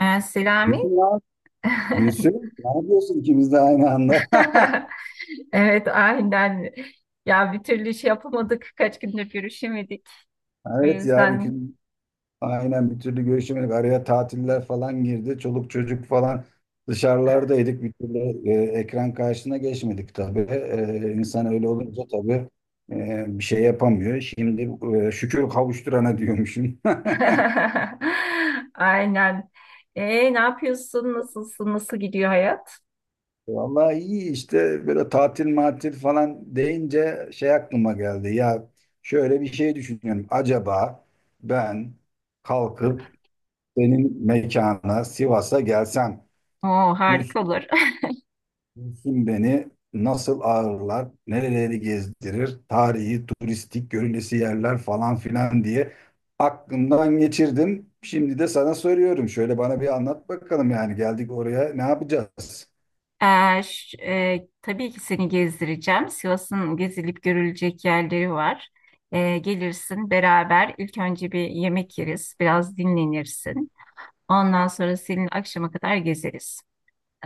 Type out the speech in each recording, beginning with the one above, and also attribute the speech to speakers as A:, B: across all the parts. A: Selami.
B: Gülsün ya. Gülsün. Ne yapıyorsun ikimiz de aynı anda?
A: Evet, aynen. Ya bir türlü iş yapamadık kaç gündür o
B: Evet ya bir
A: yüzden.
B: gün aynen bir türlü görüşemedik. Araya tatiller falan girdi. Çoluk çocuk falan dışarılardaydık. Bir türlü e, ekran karşısına geçmedik tabii. E, insan öyle olunca tabii bir şey yapamıyor. Şimdi şükür kavuşturana diyormuşum.
A: Aynen. Ne yapıyorsun? Nasılsın? Nasıl gidiyor hayat?
B: Vallahi iyi işte böyle tatil matil falan deyince şey aklıma geldi. Ya şöyle bir şey düşünüyorum. Acaba ben kalkıp senin mekana Sivas'a gelsem
A: Oo, harika
B: Güls-
A: olur.
B: Gülsüm beni nasıl ağırlar, nereleri gezdirir, tarihi, turistik, görülesi yerler falan filan diye aklımdan geçirdim. Şimdi de sana soruyorum. Şöyle bana bir anlat bakalım yani geldik oraya ne yapacağız?
A: Tabii ki seni gezdireceğim. Sivas'ın gezilip görülecek yerleri var. Gelirsin beraber. İlk önce bir yemek yeriz, biraz dinlenirsin. Ondan sonra senin akşama kadar gezeriz.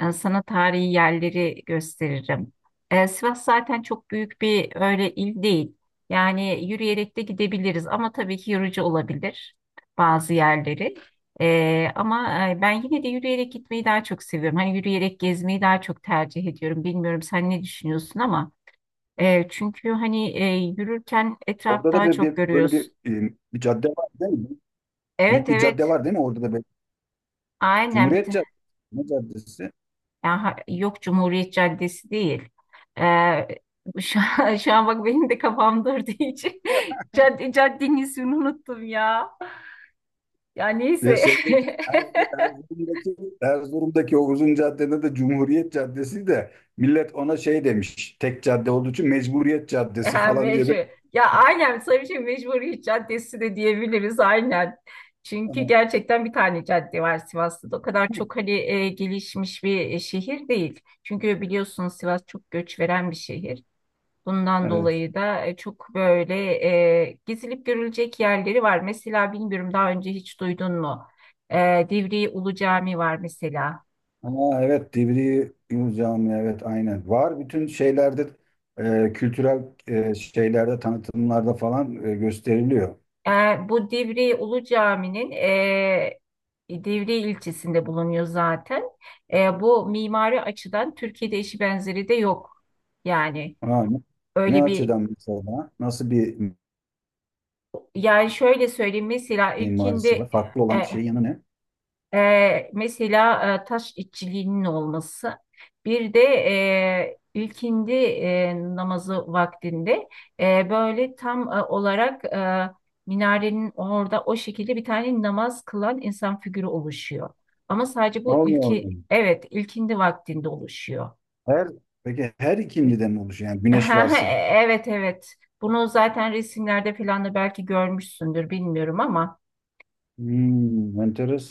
A: Sana tarihi yerleri gösteririm. Sivas zaten çok büyük bir öyle il değil. Yani yürüyerek de gidebiliriz ama tabii ki yorucu olabilir bazı yerleri. Ama ben yine de yürüyerek gitmeyi daha çok seviyorum. Hani yürüyerek gezmeyi daha çok tercih ediyorum. Bilmiyorum sen ne düşünüyorsun ama çünkü hani yürürken etraf
B: Orada da
A: daha
B: böyle
A: çok görüyorsun.
B: bir cadde var değil mi?
A: Evet
B: Büyük bir
A: evet
B: cadde var değil mi? Orada da böyle
A: aynen bir.
B: Cumhuriyet Caddesi. Ne caddesi?
A: Yani yok, Cumhuriyet Caddesi değil. Ee, şu an, şu an bak benim de kafam durduğu için cadde, caddenin ismini unuttum ya. Ya
B: Ve
A: neyse.
B: şeydeki Erzurum, Erzurum'daki, Erzurum'daki o uzun caddede de Cumhuriyet Caddesi de millet ona şey demiş. Tek cadde olduğu için Mecburiyet Caddesi
A: Ha,
B: falan diye
A: mecbur.
B: bir...
A: Ya aynen, tabii ki Mecburiyet Caddesi de diyebiliriz aynen. Çünkü gerçekten bir tane cadde var Sivas'ta da. O kadar çok hani gelişmiş bir şehir değil. Çünkü biliyorsunuz Sivas çok göç veren bir şehir. Bundan
B: Evet.
A: dolayı da çok böyle gezilip görülecek yerleri var. Mesela bilmiyorum, daha önce hiç duydun mu? Divriği Ulu Cami var mesela.
B: Ama evet Divriği Yunus Camii evet aynen. Var bütün şeylerde kültürel şeylerde tanıtımlarda falan gösteriliyor.
A: E, Bu Divriği Ulu Cami'nin Divriği ilçesinde bulunuyor zaten. Bu mimari açıdan Türkiye'de eşi benzeri de yok. Yani
B: Ha, ne
A: öyle bir,
B: açıdan mesela? Nasıl bir
A: yani şöyle söyleyeyim, mesela
B: mimarisi var?
A: ilkinde.
B: Farklı olan şeyin yanı ne?
A: Mesela taş işçiliğinin olması, bir de ilkindi namazı vaktinde böyle tam olarak minarenin orada o şekilde bir tane namaz kılan insan figürü oluşuyor. Ama sadece bu
B: Allah
A: ilki,
B: Allah.
A: evet, ilkindi vaktinde oluşuyor.
B: Her, peki her ikindiden mi oluşuyor? Yani
A: Ha,
B: güneş
A: ha,
B: varsa.
A: evet, evet, bunu zaten resimlerde falan da belki görmüşsündür, bilmiyorum ama.
B: Hmm,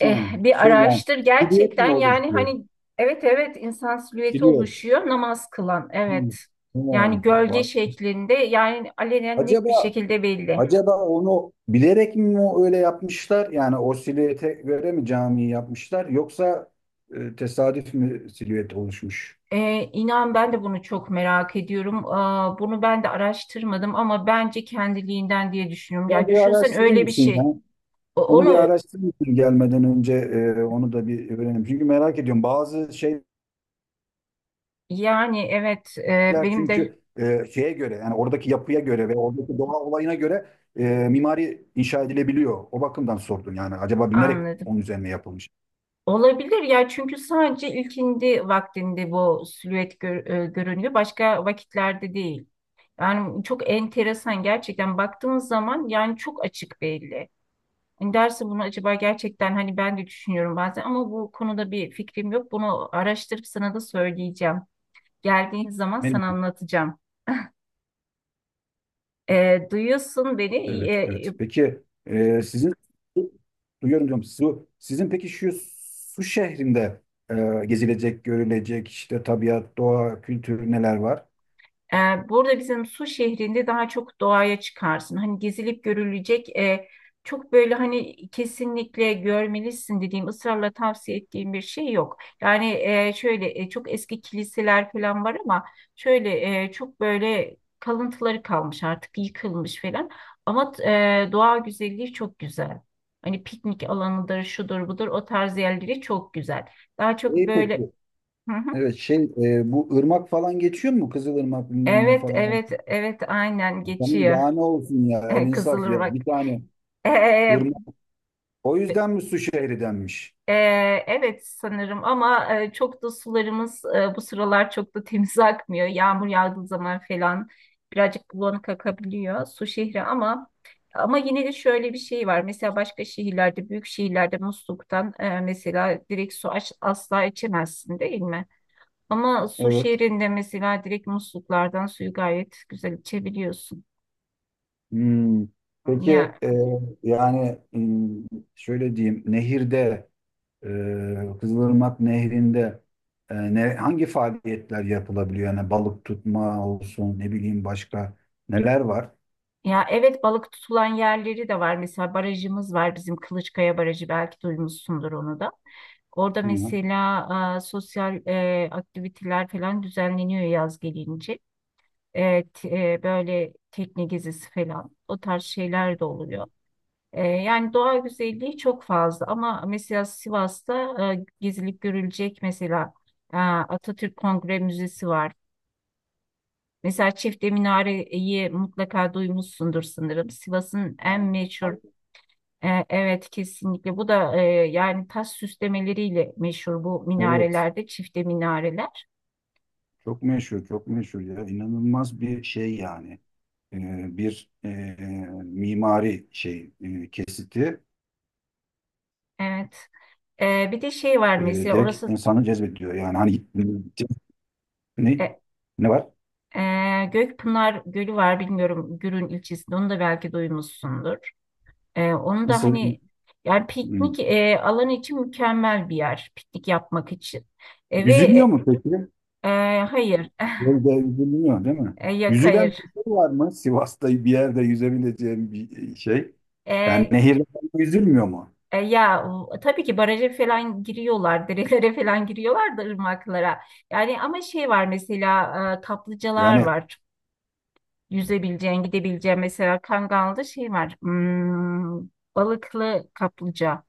A: Eh, bir
B: Şey yani
A: araştır
B: silüet mi
A: gerçekten, yani
B: oluşuyor?
A: hani evet, evet, insan silüeti
B: Silüet.
A: oluşuyor namaz kılan,
B: Hmm.
A: evet, yani
B: Tamam.
A: gölge
B: Vay.
A: şeklinde, yani alenen net bir
B: Acaba
A: şekilde belli.
B: acaba onu bilerek mi o öyle yapmışlar? Yani o silüete göre mi camiyi yapmışlar? Yoksa tesadüf mü silüet oluşmuş?
A: Eh, inan ben de bunu çok merak ediyorum. Aa, bunu ben de araştırmadım ama bence kendiliğinden diye düşünüyorum. Ya
B: Bunu bir
A: düşünsen
B: araştırır
A: öyle bir
B: mısın ya?
A: şey.
B: Onu bir
A: Onu,
B: araştırayım gelmeden önce onu da bir öğrenelim. Çünkü merak ediyorum bazı şeyler
A: yani evet, eh, benim de
B: çünkü şeye göre yani oradaki yapıya göre ve oradaki doğa olayına göre e, mimari inşa edilebiliyor. O bakımdan sordum yani acaba binerek
A: anladım.
B: onun üzerine yapılmış.
A: Olabilir ya, çünkü sadece ilkindi vaktinde bu silüet görünüyor. Başka vakitlerde değil. Yani çok enteresan gerçekten, baktığınız zaman yani çok açık belli. Hani derse bunu acaba gerçekten, hani ben de düşünüyorum bazen ama bu konuda bir fikrim yok. Bunu araştırıp sana da söyleyeceğim. Geldiğin zaman
B: Benim,
A: sana anlatacağım. Duyuyorsun beni.
B: evet evet. Peki sizin duyuyorum diyorum sizin peki şu su şehrinde gezilecek görülecek işte tabiat doğa kültür neler var?
A: Burada bizim Su şehrinde daha çok doğaya çıkarsın. Hani gezilip görülecek çok böyle hani kesinlikle görmelisin dediğim, ısrarla tavsiye ettiğim bir şey yok. Yani şöyle çok eski kiliseler falan var ama şöyle çok böyle kalıntıları kalmış, artık yıkılmış falan. Ama doğa güzelliği çok güzel. Hani piknik alanıdır, şudur budur, o tarz yerleri çok güzel. Daha çok
B: İyi
A: böyle...
B: peki.
A: Hı hı.
B: Evet şey bu ırmak falan geçiyor mu? Kızılırmak bilmem ne
A: Evet,
B: falan.
A: evet, evet, aynen
B: Tamam
A: geçiyor.
B: daha ne olsun ya el insaf ya bir
A: Kızılırmak.
B: tane
A: Ee,
B: ırmak. O yüzden mi su şehri denmiş?
A: e, evet sanırım ama çok da sularımız bu sıralar çok da temiz akmıyor. Yağmur yağdığı zaman falan birazcık bulanık akabiliyor su şehri ama ama yine de şöyle bir şey var. Mesela başka şehirlerde, büyük şehirlerde musluktan mesela direkt asla içemezsin değil mi? Ama su
B: Evet.
A: şehrinde mesela direkt musluklardan suyu gayet güzel içebiliyorsun.
B: Hmm. Peki
A: Ya,
B: e, yani şöyle diyeyim nehirde Kızılırmak nehrinde hangi faaliyetler yapılabiliyor? Yani balık tutma olsun ne bileyim başka neler var?
A: ya evet, balık tutulan yerleri de var. Mesela barajımız var bizim, Kılıçkaya Barajı, belki duymuşsundur onu da. Orada
B: Hı hı.
A: mesela sosyal aktiviteler falan düzenleniyor yaz gelince. Evet, böyle tekne gezisi falan, o tarz şeyler de oluyor. Yani doğa güzelliği çok fazla ama mesela Sivas'ta gezilip görülecek mesela Atatürk Kongre Müzesi var. Mesela Çifte Minare'yi mutlaka duymuşsundur sanırım. Sivas'ın en
B: Ha,
A: meşhur.
B: balık.
A: Evet kesinlikle bu da yani taş süslemeleriyle meşhur bu
B: Evet.
A: minarelerde, çifte minareler.
B: Çok meşhur, çok meşhur ya. İnanılmaz bir şey yani. Bir mimari şey kesiti
A: Evet. Bir de şey var,
B: e,
A: mesela
B: direkt
A: orası
B: insanı cezbediyor. Yani hani ne
A: e,
B: ne var?
A: Gökpınar Gölü var, bilmiyorum, Gürün ilçesinde, onu da belki duymuşsundur. Onu da
B: Nasıl?
A: hani yani
B: Hmm.
A: piknik alanı için mükemmel bir yer piknik yapmak için. E, ve
B: Yüzülüyor mu peki?
A: e, hayır.
B: Böyle yüzülüyor değil mi?
A: Yok,
B: Yüzülen
A: hayır.
B: bir şey var mı? Sivas'ta bir yerde yüzebileceğim bir şey. Yani
A: E,
B: nehirde yüzülmüyor mu?
A: Ya tabii ki baraja falan giriyorlar, derelere falan giriyorlar da, ırmaklara. Yani ama şey var mesela, kaplıcalar
B: Yani
A: var. Çok. Yüzebileceğin, gidebileceğin, mesela Kangal'da şey var. Hmm, balıklı kaplıca.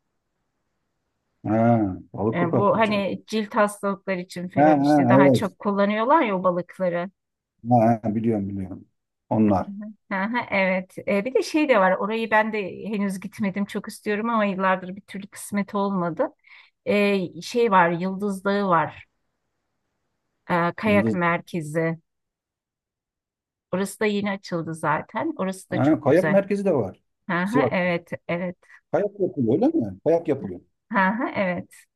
B: ha, balıklı
A: Bu
B: kaplıca.
A: hani cilt hastalıkları için
B: Ha,
A: falan işte
B: ha,
A: daha
B: evet.
A: çok kullanıyorlar ya o balıkları.
B: Ha, ha, biliyorum biliyorum. Onlar.
A: Hı hı, evet. Bir de şey de var. Orayı ben de henüz gitmedim. Çok istiyorum ama yıllardır bir türlü kısmet olmadı. Şey var, Yıldız Dağı var. Kayak
B: yıldız
A: merkezi. Orası da yeni açıldı zaten. Orası da
B: Ha,
A: çok
B: kayak
A: güzel.
B: merkezi de var.
A: Hı hı,
B: Sivas.
A: evet, evet.
B: Kayak yapılıyor öyle mi? Kayak yapılıyor.
A: Hı hı, evet.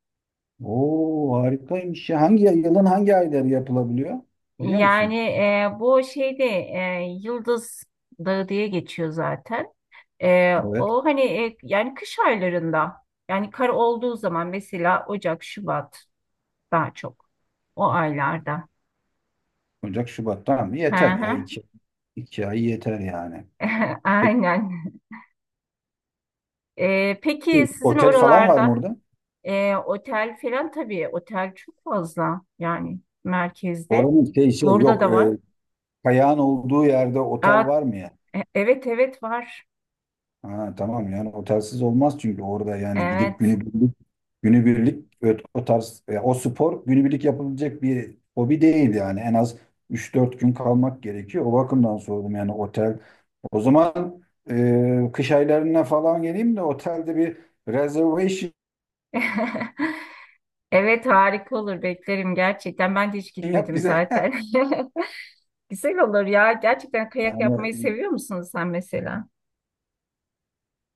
B: Oo harikaymış ya. Hangi yılın hangi ayları yapılabiliyor? Biliyor
A: Yani
B: musun?
A: bu şeyde Yıldız Dağı diye geçiyor zaten.
B: Evet.
A: O hani yani kış aylarında, yani kar olduğu zaman, mesela Ocak, Şubat, daha çok o aylarda.
B: Ocak, Şubat. Tamam
A: Hı
B: yeter ya.
A: hı.
B: İki ay yeter yani. Peki
A: Aynen. Peki sizin
B: otel falan var mı
A: oralarda?
B: orada?
A: Otel falan tabii. Otel çok fazla yani merkezde.
B: Oranın şey
A: Burada
B: yok.
A: da var.
B: Kayağın olduğu yerde
A: Aa,
B: otel var mı ya?
A: evet, evet var.
B: Ha, tamam yani otelsiz olmaz çünkü orada yani gidip
A: Evet.
B: günübirlik o tarz o spor günübirlik yapılabilecek bir hobi değil yani en az üç dört gün kalmak gerekiyor. O bakımdan sordum yani otel. O zaman kış aylarına falan geleyim de otelde bir reservation
A: Evet, harika olur, beklerim gerçekten. Ben de hiç
B: yap
A: gitmedim
B: bize.
A: zaten. Güzel olur ya. Gerçekten kayak
B: Yani
A: yapmayı seviyor musun sen mesela?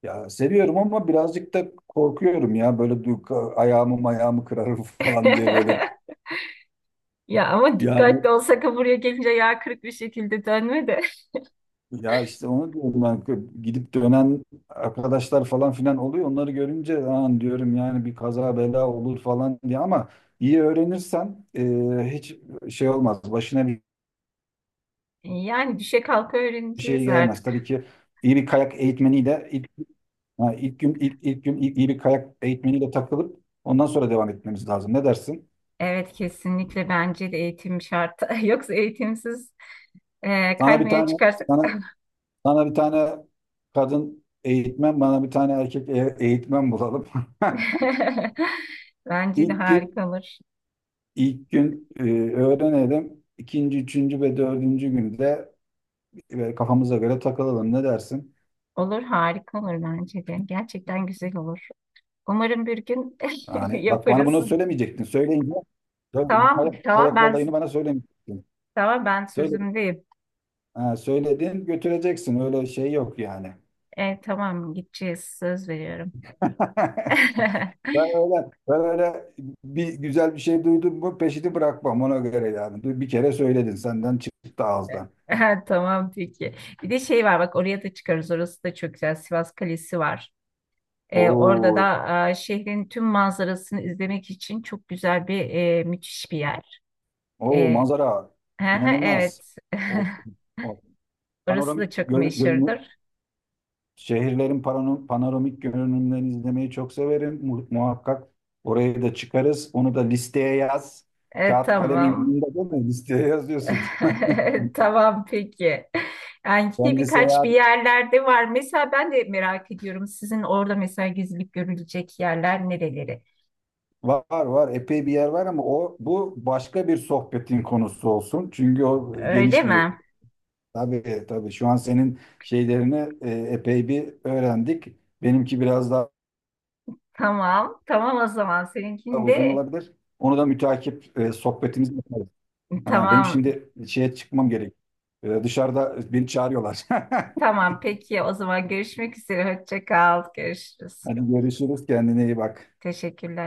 B: ya seviyorum ama birazcık da korkuyorum ya böyle ayağımı kırarım falan diye böyle
A: Ya ama
B: yani
A: dikkatli olsak, ha buraya gelince yağ kırık bir şekilde dönme de.
B: Ya işte onu diyorum ben gidip dönen arkadaşlar falan filan oluyor. Onları görünce an diyorum yani bir kaza bela olur falan diye ama iyi öğrenirsen hiç şey olmaz. Başına bir
A: Yani düşe kalka
B: şey
A: öğreneceğiz
B: gelmez.
A: artık.
B: Tabii ki iyi bir kayak eğitmeniyle ha, ilk gün iyi bir kayak eğitmeniyle takılıp ondan sonra devam etmemiz lazım. Ne dersin?
A: Evet, kesinlikle bence de eğitim şart. Yoksa eğitimsiz
B: Sana bir
A: kaymaya
B: tane
A: çıkarsak
B: sana sana bir tane kadın eğitmen, bana bir tane erkek eğitmen bulalım.
A: bence de
B: İlk gün
A: harika olur.
B: İlk gün e, öğrenelim. İkinci, üçüncü ve dördüncü günde kafamıza göre takılalım. Ne dersin?
A: Olur, harika olur bence de. Gerçekten güzel olur. Umarım bir gün
B: Yani bak bana
A: yaparız.
B: bunu söylemeyecektin. Söyleyince
A: Tamam tamam ben
B: Kolayını bana söylemeyecektin.
A: tamam ben
B: Söyle,
A: sözümdeyim.
B: ha, söyledin götüreceksin. Öyle şey yok yani.
A: Tamam, gideceğiz, söz veriyorum.
B: Ben öyle, ben öyle bir güzel bir şey duydum mu peşini bırakmam ona göre yani. Bir kere söyledin senden çıktı ağızdan.
A: Ha, tamam peki. Bir de şey var bak, oraya da çıkarız. Orası da çok güzel. Sivas Kalesi var. Orada
B: Oo,
A: da şehrin tüm manzarasını izlemek için çok güzel bir, müthiş bir yer.
B: oo
A: E,
B: manzara
A: Hı hı,
B: inanılmaz.
A: evet.
B: Of, of.
A: Orası da
B: Panoramik
A: çok
B: gör- görünü,
A: meşhurdur.
B: şehirlerin panoramik görünümlerini izlemeyi çok severim. Muhakkak oraya da çıkarız. Onu da listeye yaz. Kağıt kalem
A: Tamam.
B: elinde değil mi? Listeye yazıyorsun.
A: Tamam peki. Yani yine
B: Kendi
A: birkaç bir
B: seyahat
A: yerlerde var. Mesela ben de merak ediyorum. Sizin orada mesela gezilip görülecek yerler nereleri?
B: var var epey bir yer var ama o bu başka bir sohbetin konusu olsun. Çünkü o
A: Öyle
B: geniş bir
A: mi?
B: tabii tabii şu an senin şeylerini epey bir öğrendik. Benimki biraz daha
A: Tamam. Tamam, o zaman.
B: uzun
A: Seninkinde
B: olabilir. Onu da müteakip sohbetimiz Ha, benim
A: tamam.
B: şimdi şeye çıkmam gerek. Dışarıda beni çağırıyorlar.
A: Tamam peki. O zaman görüşmek üzere. Hoşça kal. Görüşürüz.
B: Hadi görüşürüz. Kendine iyi bak.
A: Teşekkürler.